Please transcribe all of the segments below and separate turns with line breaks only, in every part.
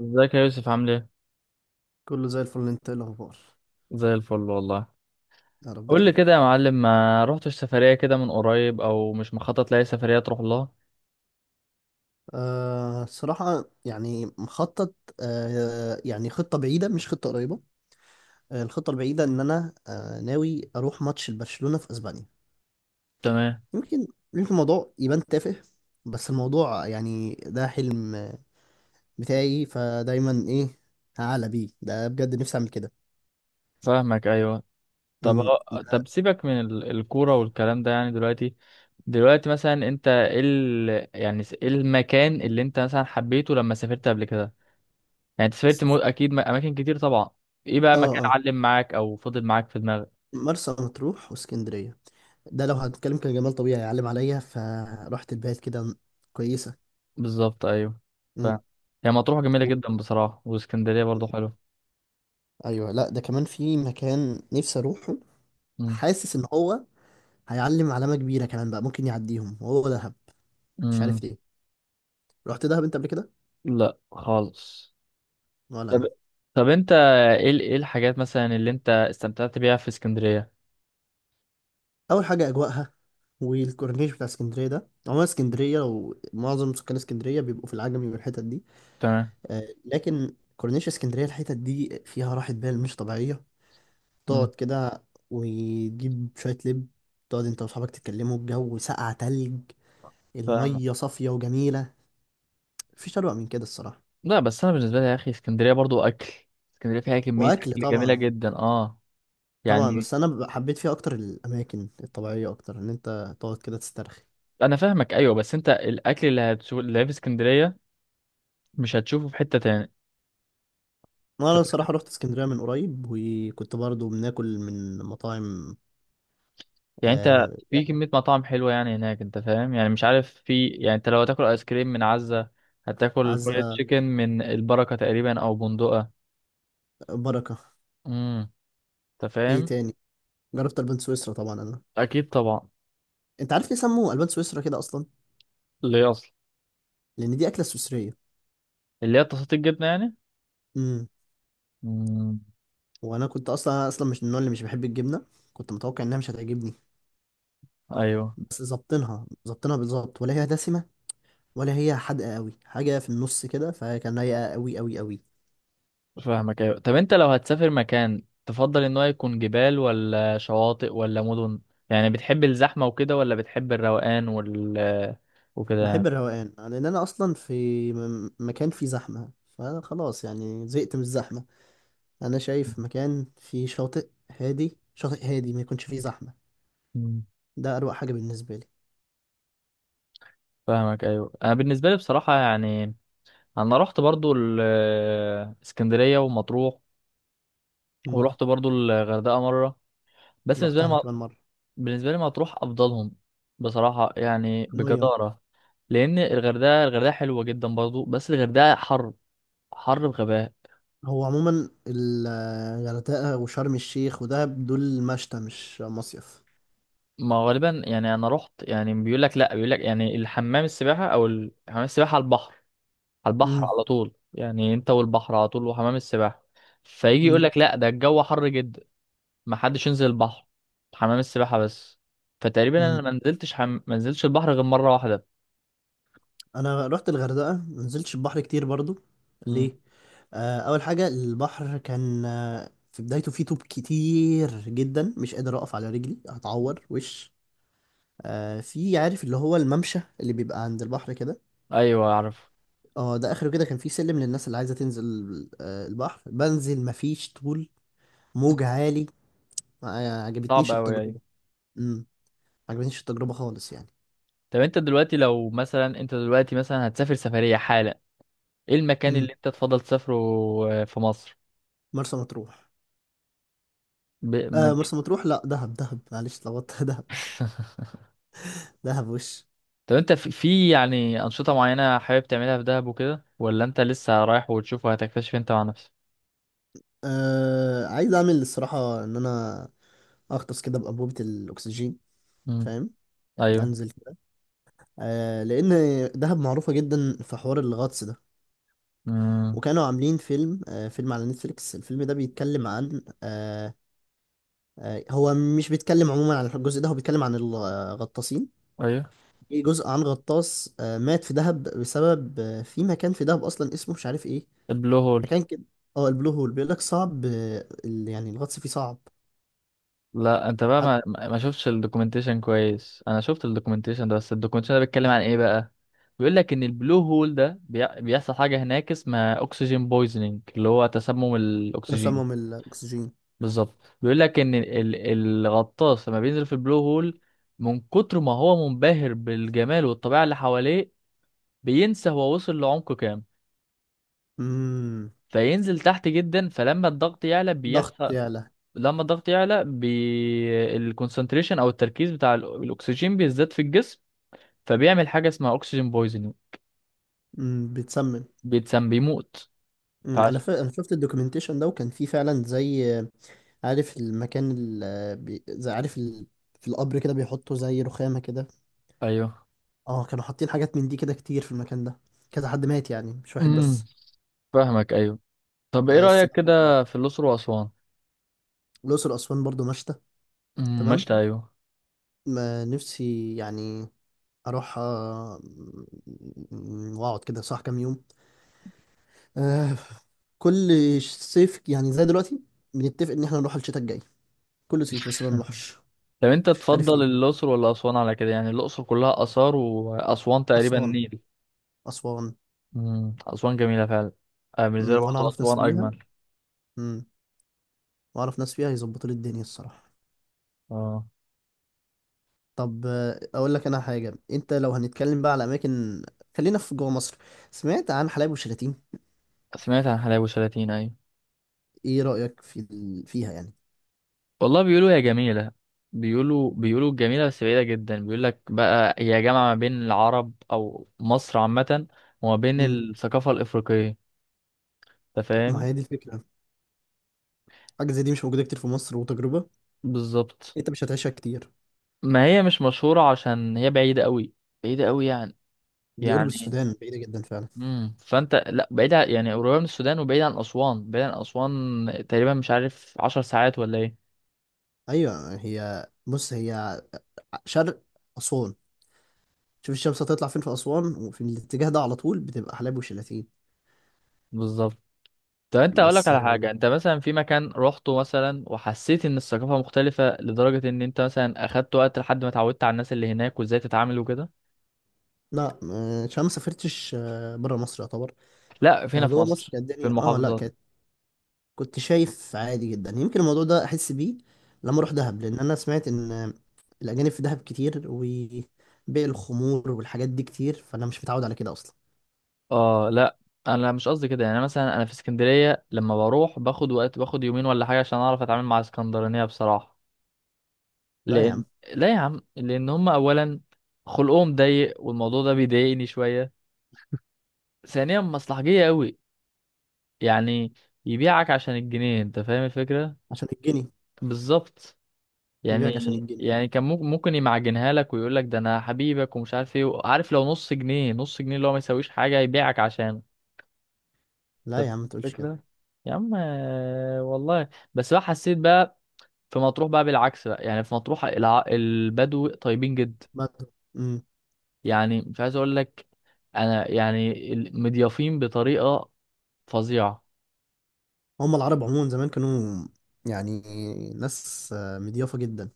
ازيك يا يوسف، عامل ايه؟
كله زي الفل، انت ايه الاخبار؟
زي الفل والله.
يا رب
قول لي
دايما.
كده يا معلم، ما رحتش سفرية كده من قريب او مش مخطط لاي سفرية تروح لها؟
صراحة يعني مخطط. يعني خطة بعيدة مش خطة قريبة. الخطة البعيدة ان انا ناوي اروح ماتش لبرشلونة في اسبانيا.
تمام.
يمكن يمكن الموضوع يبان تافه. بس الموضوع يعني ده حلم بتاعي، فدايما ايه هعلى بيه ده، بجد نفسي اعمل كده.
فاهمك، ايوه. طب
امم.
طب سيبك من الكورة والكلام ده يعني دلوقتي. دلوقتي مثلا انت ايه ايه المكان اللي انت مثلا حبيته لما سافرت قبل كده؟ يعني انت سافرت اكيد اماكن كتير طبعا. ايه بقى
اه،
مكان
اه.
علم معاك او فضل معاك في دماغك؟
مرسى مطروح واسكندرية. ده لو هنتكلم كجمال طبيعي يعلم عليا، فرحت البيت كده كويسة.
بالظبط، ايوه. ف...
مم.
هي مطروح جميلة جدا بصراحة، واسكندرية برضو حلوة.
ايوه، لا ده كمان في مكان نفسي اروحه.
مم.
حاسس ان هو هيعلم علامه كبيره كمان بقى، ممكن يعديهم وهو دهب. مش
مم.
عارف ليه. رحت دهب انت قبل كده؟
لا خالص.
ولا
طب،
انا.
انت ايه ايه الحاجات مثلا اللي انت استمتعت بيها في اسكندرية؟
اول حاجه اجواءها والكورنيش بتاع اسكندريه، ده عموما اسكندريه، ومعظم سكان اسكندريه بيبقوا في العجمي والحتت دي.
تمام.
لكن كورنيش اسكندريه الحتت دي فيها راحه بال مش طبيعيه.
مم.
تقعد كده وتجيب شويه لب، تقعد انت واصحابك تتكلموا، الجو ساقع تلج،
فاهم.
الميه صافيه وجميله. مفيش اروع من كده الصراحه.
لا بس انا بالنسبة لي يا اخي، اسكندرية برضو اكل. اسكندرية فيها كمية
واكل
اكل جميلة
طبعا.
جدا، اه.
طبعا،
يعني.
بس انا حبيت فيها اكتر الاماكن الطبيعيه، اكتر ان انت تقعد كده تسترخي.
انا فاهمك، ايوه، بس انت الاكل اللي هتشوف اللي في اسكندرية مش هتشوفه في حتة تاني.
انا
انت فاهم،
الصراحه رحت اسكندريه من قريب وكنت برضو بناكل من مطاعم.
يعني انت
آه
في
يعني.
كمية مطاعم حلوة يعني هناك، انت فاهم، يعني مش عارف، في، يعني انت لو هتاكل ايس كريم من عزة، هتاكل فرايد
عزة.
تشيكن من البركة تقريبا او بندقة.
بركه.
امم. انت
ايه
فاهم.
تاني؟ جربت البان سويسرا طبعا انا.
اكيد طبعا.
انت عارف ليه سموه البان سويسرا كده اصلا؟
اللي هي اصلا.
لان دي اكله سويسريه.
اللي هي تساطيل الجبنه يعني.
امم.
مم.
وانا كنت اصلا مش من النوع اللي مش بحب الجبنه. كنت متوقع انها مش هتعجبني.
ايوه،
بس ظابطينها بالظبط، ولا هي دسمه ولا هي حادقه قوي، حاجه في النص كده، فكان رايقه قوي قوي قوي.
فاهمك، ايوه. طب انت لو هتسافر مكان، تفضل ان هو يكون جبال ولا شواطئ ولا مدن؟ يعني بتحب الزحمه وكده ولا بتحب الروقان وكده؟
بحب الروقان، لان انا اصلا في مكان فيه زحمه، فخلاص يعني زهقت من الزحمه. انا شايف مكان فيه شاطئ هادي، شاطئ هادي ما يكونش فيه زحمه،
مم.
ده اروق حاجه بالنسبه لي.
فاهمك، ايوه. انا بالنسبه لي بصراحه يعني، انا رحت برضو اسكندريه ومطروح،
امم.
ورحت برضو الغردقه مره. بس بالنسبه
رحت انا
لي،
كمان مره.
بالنسبة لي مطروح أفضلهم، بصراحة يعني،
ميه.
بجدارة. لأن الغردقة، حلوة جدا برضو، بس الغردقة حر، حر بغباء.
هو عموما الغردقه وشرم الشيخ ودهب دول مشتى مش مصيف.
ما هو غالبا يعني، أنا رحت يعني، بيقول لك لأ، بيقول لك يعني الحمام السباحة أو حمام السباحة على البحر، على البحر
امم.
على طول، يعني أنت والبحر على طول وحمام السباحة. فيجي يقول
امم.
لك لأ، ده الجو حر جدا، ما حدش ينزل البحر، حمام السباحة بس. فتقريبا أنا
امم،
ما نزلتش ما نزلتش البحر غير مرة واحدة.
انا رحت الغردقه ما نزلتش البحر كتير برضو.
مم.
ليه؟ اول حاجه البحر كان في بدايته فيه طوب كتير جدا، مش قادر اقف على رجلي، هتعور وش. في، عارف اللي هو الممشى اللي بيبقى عند البحر كده.
أيوه أعرف.
اه ده اخره كده كان فيه سلم للناس اللي عايزه تنزل. البحر بنزل مفيش طول، موج عالي. ما
صعب
عجبتنيش
أوي، أيوة.
التجربه. امم. ما عجبتنيش التجربه خالص يعني.
طب انت دلوقتي، لو مثلا انت دلوقتي مثلا هتسافر سفرية حالا، ايه المكان
امم.
اللي انت تفضل تسافره؟ في مصر؟
مرسى مطروح.
ب...
آه،
من...
مرسى مطروح، لا دهب، دهب معلش، اتلخبطت دهب. دهب وش.
طب انت في يعني أنشطة معينة حابب تعملها في دهب وكده، ولا انت لسه رايح وتشوف وهتكتشف انت مع نفسك؟
آه عايز اعمل الصراحه ان انا اغطس كده بانبوبه الاكسجين.
امم.
فاهم.
ايوه.
انزل كده. آه لان دهب معروفه جدا في حوار الغطس ده.
امم.
وكانوا عاملين فيلم، آه فيلم على نتفليكس. الفيلم ده بيتكلم عن آه. هو مش بيتكلم عموما عن الجزء ده، هو بيتكلم عن الغطاسين.
ايوه.
في جزء عن غطاس آه مات في دهب بسبب في مكان في دهب اصلا اسمه مش عارف ايه.
البلو هول.
مكان كده. اه البلو هول، بيقول لك صعب. يعني الغطس فيه صعب.
لا، انت بقى
حتى.
ما شفتش الدوكيومنتيشن كويس، انا شفت الدوكيومنتيشن ده، بس الدوكيومنتيشن ده بيتكلم عن ايه بقى؟ بيقول لك ان البلو هول ده بيحصل حاجة هناك اسمها اكسجين بويزنينج، اللي هو تسمم
تسمم
الاكسجين.
الاكسجين.
بالظبط. بيقول لك ان الغطاس لما بينزل في البلو هول، من كتر ما هو منبهر بالجمال والطبيعه اللي حواليه، بينسى هو وصل لعمق كام،
امم.
فينزل تحت جدا، فلما الضغط يعلى
ضغط
بيحصل،
يعلى.
لما الضغط يعلى الكونسنتريشن او التركيز بتاع الاكسجين بيزداد في الجسم، فبيعمل حاجه اسمها اكسجين بويزنج،
امم، بتسمم.
بيتسم، بيموت.
أمم، انا
فعش...
انا شفت الدوكيومنتيشن ده وكان فيه فعلا زي عارف المكان زي عارف في القبر كده بيحطوا زي رخامة كده.
ايوه.
اه كانوا حاطين حاجات من دي كده كتير في المكان ده. كذا حد مات يعني، مش واحد
امم.
بس.
فاهمك، ايوه. طب ايه
بس
رايك
ده حوار تاني.
كده في الاقصر واسوان؟
الأقصر وأسوان برضو مشتى. تمام.
مشت، ايوه.
ما نفسي يعني أروح وأقعد كده صح كام يوم. آه، كل صيف يعني زي دلوقتي بنتفق إن احنا نروح الشتاء الجاي، كل صيف بس ما بنروحش.
طب انت
مش عارف
تفضل
ليه.
الاقصر ولا اسوان؟ على كده يعني، الاقصر كلها اثار واسوان تقريبا
أسوان.
نيل.
أسوان.
امم. اسوان جميله فعلا. بالنسبه لي
امم، وانا
برضه
اعرف ناس
اسوان
فيها.
اجمل.
امم، واعرف ناس فيها يظبطوا لي الدنيا الصراحه.
اه.
طب اقول لك انا حاجه، انت لو هنتكلم بقى على اماكن، خلينا في جوه مصر. سمعت عن حلايب وشلاتين.
سمعت عن حلايب وشلاتين، ايوه.
ايه رايك فيها يعني؟
والله بيقولوا هي جميله. بيقولوا جميله، بس بعيده جدا. بيقول لك بقى هي جامعه ما بين العرب او مصر عامه، وما بين
امم.
الثقافه الافريقيه، انت
ما
فاهم.
هي دي الفكره، حاجه زي دي مش موجوده كتير في مصر، وتجربه
بالظبط.
انت مش هتعيشها كتير.
ما هي مش مشهوره عشان هي بعيده قوي، بعيده قوي يعني،
دي قرب
يعني.
السودان بعيده جدا فعلا.
امم، فانت، لا، بعيد يعني قريبه من السودان وبعيد عن اسوان، بعيد عن اسوان تقريبا، مش عارف عشر ساعات ولا ايه.
ايوه هي، بص هي شرق اسوان. شوف الشمس هتطلع فين في اسوان، وفي الاتجاه ده على طول بتبقى حلايب وشلاتين.
بالظبط. طب انت اقول لك
بس
على حاجه، انت مثلا في مكان روحته مثلا وحسيت ان الثقافه مختلفه لدرجه ان انت مثلا اخدت وقت لحد ما اتعودت على الناس اللي هناك وازاي تتعامل وكده؟
لا عشان ما سافرتش بره مصر يعتبر.
لا، فينا في
فجوه مصر
مصر
كانت
في
الدنيا اه لا
المحافظات.
كانت، كنت شايف عادي جدا. يمكن الموضوع ده احس بيه لما اروح دهب، لان انا سمعت ان الاجانب في دهب كتير وبيع الخمور والحاجات دي كتير، فانا مش متعود على كده اصلا.
اه لا، انا مش قصدي كده، يعني مثلا انا في اسكندريه لما بروح باخد وقت، باخد يومين ولا حاجه عشان اعرف اتعامل مع اسكندرانيه بصراحه.
لا يا
لان،
عم.
لا يا عم، لان هم اولا خلقهم ضيق والموضوع ده بيضايقني شويه، ثانيا مصلحجيه قوي يعني، يبيعك عشان الجنيه، انت فاهم الفكره.
عشان الجنيه.
بالظبط. يعني،
يبيعك عشان الجنيه.
يعني كان ممكن، يمعجنها لك ويقول لك ده انا حبيبك ومش عارف ايه، عارف، لو نص جنيه، نص جنيه اللي هو ما يساويش حاجه يبيعك عشانه. انت
لا يا
فاهم
عم ما تقولش كده.
الفكره. يا عم، والله بس بقى حسيت بقى، في مطروح بقى بالعكس بقى يعني، في مطروح البدو طيبين جدا،
بعد- مم.
يعني مش عايز اقول لك، انا يعني مضيافين بطريقه فظيعه.
هم العرب عموما زمان كانوا يعني ناس مضيافه جدا.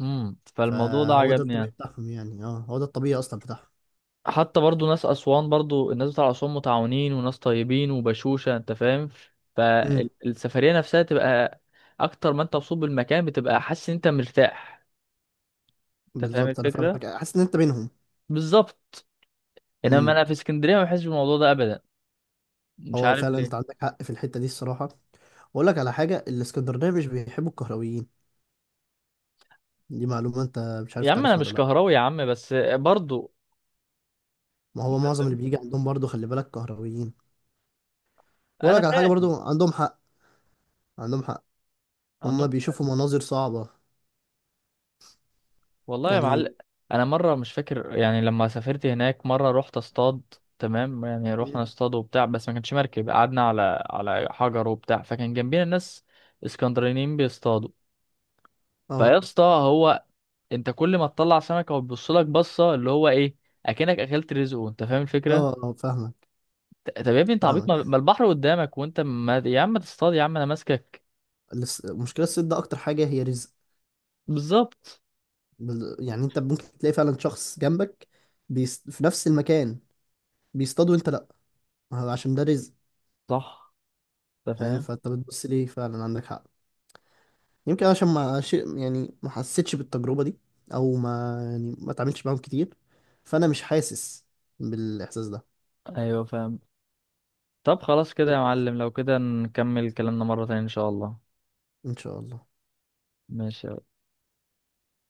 امم. فالموضوع ده
فهو ده
عجبني
الطبيعي
يعني.
بتاعهم يعني. اه هو ده الطبيعي اصلا بتاعهم.
حتى برضو ناس اسوان، برضو الناس بتاع اسوان متعاونين وناس طيبين وبشوشه، انت فاهم. فالسفريه نفسها تبقى، اكتر ما انت مبسوط بالمكان بتبقى حاسس ان انت مرتاح. انت فاهم
بالظبط، انا
الفكره.
فاهمك، حاسس ان انت بينهم.
بالظبط. انما
امم.
انا في اسكندريه ما بحسش بالموضوع ده ابدا، مش
هو
عارف
فعلا انت
ليه.
عندك حق في الحته دي الصراحه. واقول لك على حاجه، الاسكندرانيه مش بيحبوا الكهرويين، دي معلومه انت مش عارف
يا عم انا
تعرفها ولا
مش
لا.
كهراوي يا عم، بس برضو.
ما هو معظم اللي بيجي عندهم برضو خلي بالك كهرويين. واقول
انا
لك على حاجه،
فاهم.
برضو عندهم حق. عندهم حق. هم
عندهم.
بيشوفوا مناظر صعبه
والله يا
يعني.
معلم، انا مره مش فاكر، يعني لما سافرت هناك مره رحت اصطاد. تمام، يعني رحنا
مم.
اصطاد وبتاع، بس ما كانش مركب، قعدنا على حجر وبتاع، فكان جنبينا ناس اسكندرانيين بيصطادوا. فيا
اه،
اسطى، هو انت كل ما تطلع سمكه وتبص لك بصه اللي هو ايه، اكنك اكلت رزقه، انت فاهم الفكره.
اه، اه، فاهمك.
طب يا ابني انت عبيط،
فاهمك.
ما البحر قدامك وانت ما، يا عم تصطاد يا عم انا ماسكك.
المشكله الصيد ده اكتر حاجه هي رزق.
بالظبط.
يعني انت ممكن تلاقي فعلا شخص جنبك في نفس المكان بيصطاد، وانت لا، عشان ده رزق.
صح. انت
فاهم.
فاهم.
فانت بتبص ليه فعلا عندك حق. يمكن عشان ما ش... يعني ما حسيتش بالتجربة دي، او ما يعني ما اتعاملتش معاهم كتير، فانا مش حاسس بالاحساس ده.
ايوه فاهم. طب خلاص كده يا معلم، لو كده نكمل كلامنا مره تانية ان شاء الله.
ان شاء الله.
ماشي.